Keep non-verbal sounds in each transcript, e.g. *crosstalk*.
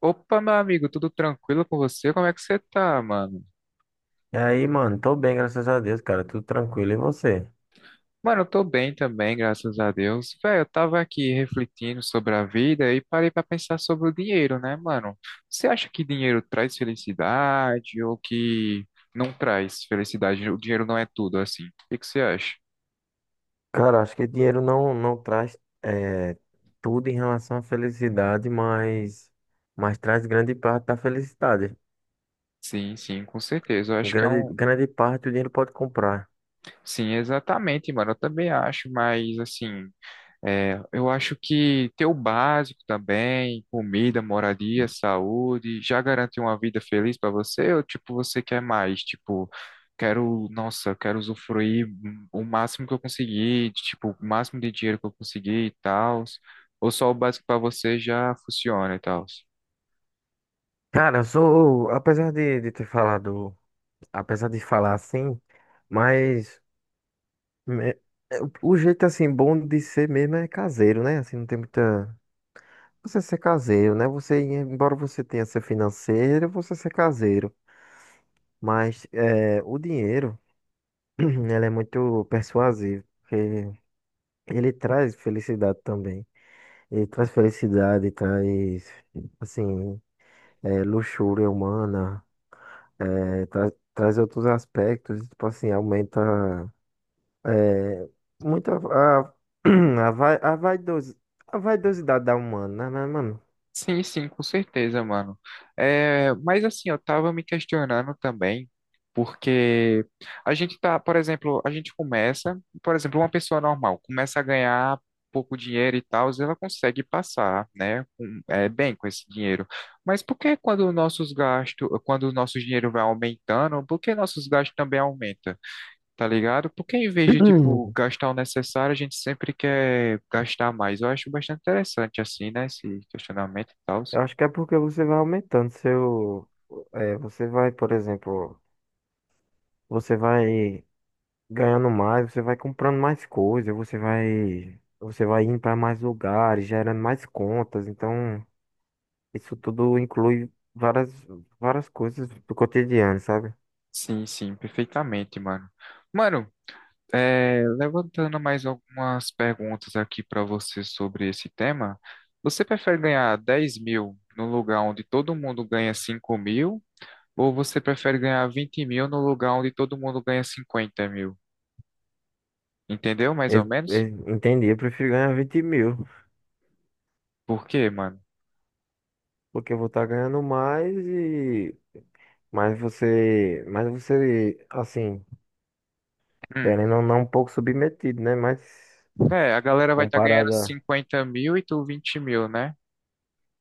Opa, meu amigo, tudo tranquilo com você? Como é que você tá, mano? E aí, mano, tô bem, graças a Deus, cara, tudo tranquilo. E você? Mano, eu tô bem também, graças a Deus. Velho, eu tava aqui refletindo sobre a vida e parei pra pensar sobre o dinheiro, né, mano? Você acha que dinheiro traz felicidade ou que não traz felicidade? O dinheiro não é tudo, assim. O que que você acha? Cara, acho que dinheiro não traz eh, tudo em relação à felicidade, mas traz grande parte da felicidade. Sim, sim, com certeza. Eu acho que é Grande, um. grande parte o dinheiro pode comprar. Sim, exatamente, mano. Eu também acho, mas assim. É, eu acho que ter o básico também, comida, moradia, saúde, já garante uma vida feliz para você? Ou tipo, você quer mais? Tipo, quero, nossa, quero usufruir o máximo que eu conseguir, tipo, o máximo de dinheiro que eu conseguir e tal. Ou só o básico para você já funciona e tal? Cara, eu sou, apesar de ter falado, apesar de falar assim, mas me- o jeito assim bom de ser mesmo é caseiro, né? Assim, não tem muita. Você ser caseiro, né? Você, embora você tenha ser financeiro, você ser caseiro. Mas o dinheiro, *clears throat* ele é muito persuasivo, porque ele traz felicidade também. Ele traz felicidade, traz, assim, luxúria humana, traz outros aspectos, tipo assim, aumenta é, muito *clears throat* a, vai- a, vaidosi- a vaidosidade da humana, né, mano? Sim, sim, com certeza, mano. É, mas assim, eu tava me questionando também, porque a gente tá, por exemplo, a gente começa, por exemplo, uma pessoa normal começa a ganhar pouco dinheiro e tal, ela consegue passar, né, bem com esse dinheiro. Mas por que quando os nossos gastos, quando o nosso dinheiro vai aumentando, por que nossos gastos também aumentam? Tá ligado? Porque em vez *clears throat* de, tipo, Hum, gastar o necessário, a gente sempre quer gastar mais. Eu acho bastante interessante, assim, né? Esse questionamento e tal. eu acho que é porque você vai aumentando seu. É, você vai, por exemplo, você vai. Ganhando mais, você vai comprando mais coisas, você vai indo para mais lugares, gerando mais contas. Então, isso tudo inclui várias, várias coisas do cotidiano, sabe? Sim, sim, perfeitamente, mano. Mano, é, levantando mais algumas perguntas aqui pra você sobre esse tema, você prefere ganhar 10.000 no lugar onde todo mundo ganha 5.000, ou você prefere ganhar 20.000 no lugar onde todo mundo ganha 50.000? Entendeu, mais ou Eu, menos? eu entendi, eu prefiro ganhar 20 mil, Por quê, mano? porque eu vou estar ganhando mais e mas você, assim, Hum. querendo ou não, um pouco submetido, né? Mas É, a galera vai estar ganhando comparado a... 50.000 e tu 20.000, né?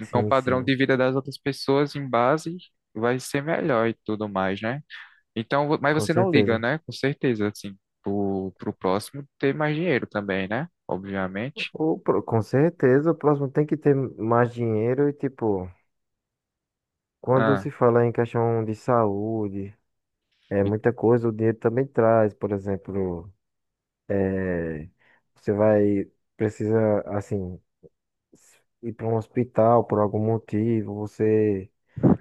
Então o Sim, padrão sim, de vida das outras pessoas em base vai ser melhor e tudo mais, né? Então, mas com você não liga, certeza. né? Com certeza, assim, pro próximo ter mais dinheiro também, né? Obviamente. Com certeza, o próximo tem que ter mais dinheiro e, tipo, quando Ah, se fala em questão de saúde, é e- muita coisa, o dinheiro também traz, por exemplo, eh, você vai, precisa, assim, ir para um hospital por algum motivo, você,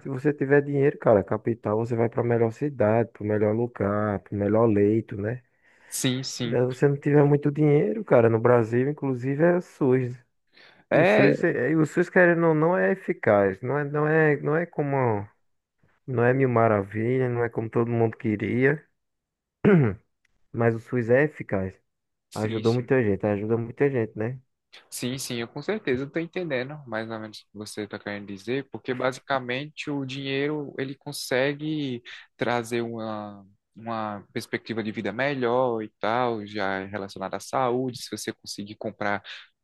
se você tiver dinheiro, cara, capital, você vai para a melhor cidade, para o melhor lugar, para o melhor leito, né? sim, Já sim. se você não tiver muito dinheiro, cara, no Brasil, inclusive, é o SUS. E o É, SUS, é, e o SUS, querendo ou não, é eficaz, não é como. Não é mil maravilha, não é como todo mundo queria, mas o SUS é eficaz. sim, Ajudou sim. muita gente, ajuda muita gente, né? Sim, sim, eu com certeza estou entendendo mais ou menos o que você está querendo dizer, porque basicamente o dinheiro ele consegue trazer uma perspectiva de vida melhor e tal, já é relacionada à saúde, se você conseguir comprar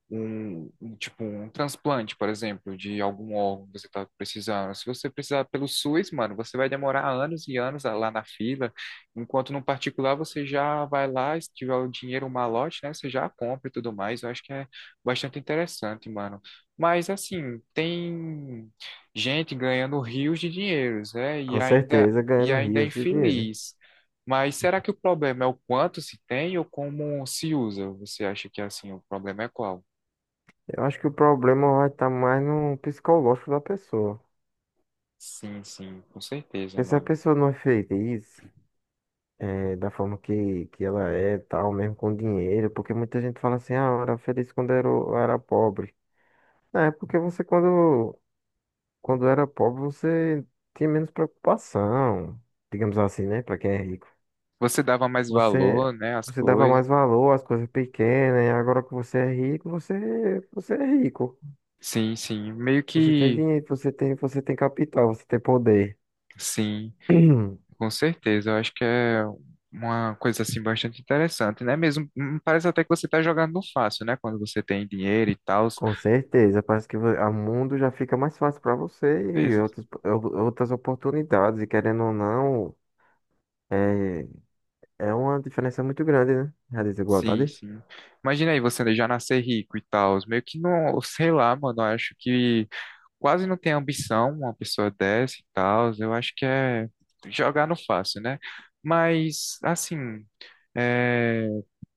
tipo, um transplante, por exemplo, de algum órgão que você está precisando. Se você precisar pelo SUS, mano, você vai demorar anos e anos lá na fila, enquanto no particular você já vai lá, se tiver o dinheiro, o malote, né, você já compra e tudo mais. Eu acho que é bastante interessante, mano. Mas, assim, tem gente ganhando rios de dinheiros, né, Com certeza, e ganhando ainda é rios de dinheiro. infeliz. Mas será que o problema é o quanto se tem ou como se usa? Você acha que assim o problema é qual? Eu acho que o problema vai estar mais no psicológico da pessoa. Sim, sim, com certeza, Porque se a mano. pessoa não é feliz, da forma que ela é, tal, mesmo com dinheiro, porque muita gente fala assim, ah, eu era feliz quando era, eu era pobre. Não, é porque você, quando, quando era pobre, você tinha menos preocupação, digamos assim, né? Pra quem é rico. Você dava mais Você, valor, né, às você dava coisas. mais valor às coisas pequenas, e agora que você é rico, você, você é rico. Sim, sim, meio Você tem que dinheiro, você tem capital, você tem poder. sim, *clears throat* com certeza. Eu acho que é uma coisa assim bastante interessante, né? Mesmo parece até que você tá jogando no fácil, né? Quando você tem dinheiro e tal. Com certeza, parece que o mundo já fica mais fácil para você e outras oportunidades, e querendo ou não, é, é uma diferença muito grande, né? A Sim, desigualdade. sim. Imagina aí você já nascer rico e tal. Meio que não, sei lá, mano. Eu acho que quase não tem ambição uma pessoa dessa e tal. Eu acho que é jogar no fácil, né? Mas, assim, é,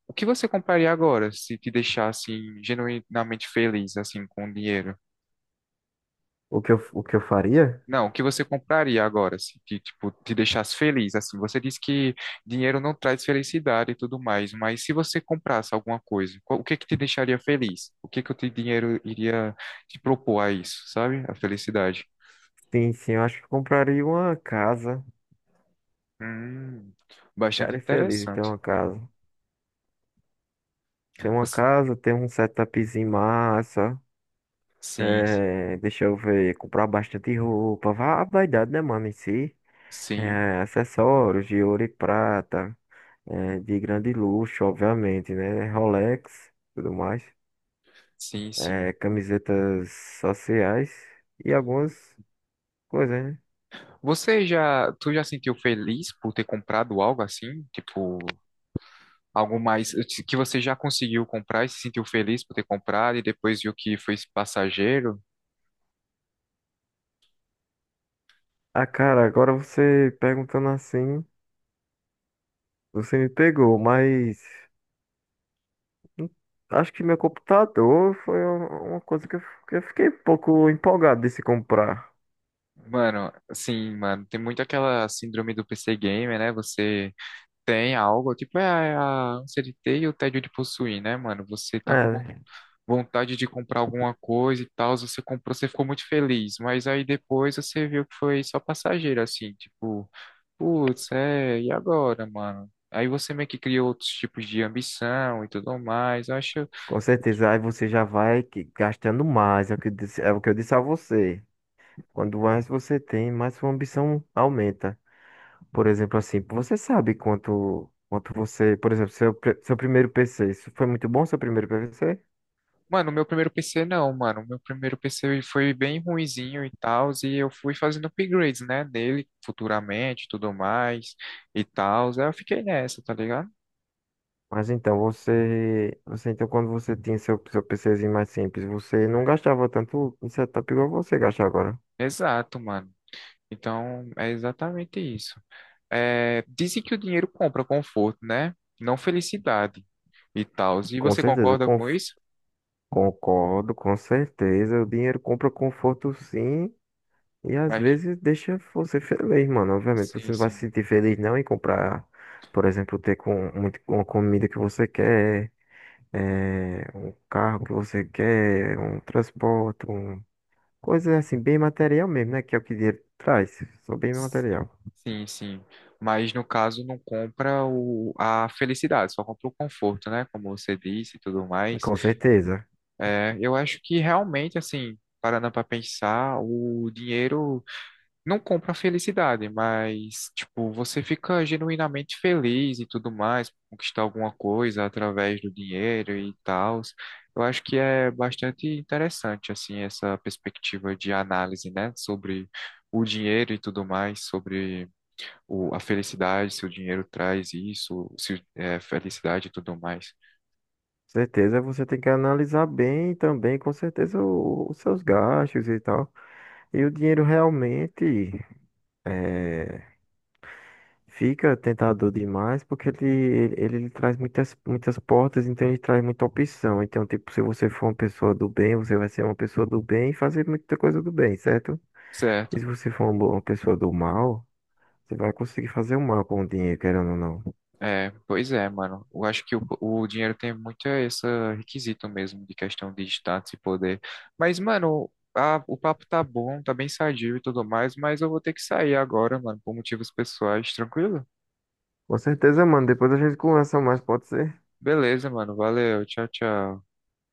o que você compraria agora se te deixasse genuinamente feliz, assim, com o dinheiro? O que eu faria? Não, o que você compraria agora se te, tipo, te deixasse feliz, assim? Você disse que dinheiro não traz felicidade e tudo mais, mas se você comprasse alguma coisa, o que que te deixaria feliz? O que que o teu dinheiro iria te propor a isso, sabe? A felicidade. Sim, sim, eu acho que eu compraria uma casa. Hum, bastante Ficaria feliz em ter interessante. uma casa. Ter uma Você- casa, ter um setupzinho massa. Sim, É, deixa eu ver, comprar bastante roupa, vá a vaidade, né, mano, em si. sim, É, acessórios de ouro e prata, é, de grande luxo, obviamente, né? Rolex, tudo mais. sim, sim. É, camisetas sociais e algumas coisas, né? Você já, tu já sentiu feliz por ter comprado algo assim? Tipo, algo mais que você já conseguiu comprar e se sentiu feliz por ter comprado e depois viu que foi passageiro? Ah, cara, agora você perguntando assim, você me pegou, mas hum, acho que meu computador foi uma coisa que eu fiquei um pouco empolgado de se comprar. Mano, sim, mano, tem muito aquela síndrome do PC Gamer, né? Você tem algo, tipo, é a ânsia de ter e o tédio de possuir, né, mano? Você tá com É, né? vontade de comprar alguma coisa e tal, você comprou, você ficou muito feliz, mas aí depois você viu que foi só passageiro, assim, tipo, putz, é, e agora, mano? Aí você meio que cria outros tipos de ambição e tudo mais. Eu acho, Com certeza, aí você já vai gastando mais, é o que eu disse, é o que eu disse a você. Quando mais você tem, mais sua ambição aumenta. Por exemplo, assim, você sabe quanto você, por exemplo, seu primeiro PC, isso foi muito bom seu primeiro PC? mano, o meu primeiro PC não, mano. O meu primeiro PC foi bem ruinzinho e tal, e eu fui fazendo upgrades, né, dele futuramente, e tudo mais e tal. Aí eu fiquei nessa, tá ligado? Mas então, você, você então quando você tinha seu, seu PCzinho mais simples, você não gastava tanto em setup igual você gasta agora. Exato, mano. Então, é exatamente isso. É, dizem que o dinheiro compra conforto, né? Não felicidade e tal. E Com você certeza, concorda com isso? concordo, com certeza, o dinheiro compra conforto sim, e às Mas, vezes deixa você feliz, mano. Obviamente, sim, você não vai se sim. sentir feliz não em comprar, por exemplo, ter com muito, uma comida que você quer, um carro que você quer, um transporte, um... coisas assim, bem material mesmo, né? Que é o que dinheiro traz, só bem material. Sim, sim. Mas no caso não compra a felicidade, só compra o conforto, né? Como você disse e tudo mais. Com certeza. É, eu acho que realmente, assim, parando para pensar, o dinheiro não compra felicidade, mas, tipo, você fica genuinamente feliz e tudo mais, conquistar alguma coisa através do dinheiro e tal. Eu acho que é bastante interessante, assim, essa perspectiva de análise, né, sobre o dinheiro e tudo mais, sobre a felicidade, se o dinheiro traz isso, se é felicidade e tudo mais. Você tem que analisar bem também, com certeza, os seus gastos e tal. E o dinheiro realmente eh, fica tentador demais porque ele lhe traz muitas, muitas portas, então ele traz muita opção. Então, tipo, se você for uma pessoa do bem, você vai ser uma pessoa do bem e fazer muita coisa do bem, certo? E se Certo. você for uma pessoa do mal, você vai conseguir fazer o mal com o dinheiro, querendo ou não. É, pois é, mano. Eu acho que o dinheiro tem muito esse requisito mesmo de questão de status e poder. Mas, mano, o papo tá bom, tá bem sadio e tudo mais, mas eu vou ter que sair agora, mano, por motivos pessoais, tranquilo? Com certeza, mano. Depois a gente conversa mais, pode ser? Beleza, mano. Valeu. Tchau, tchau.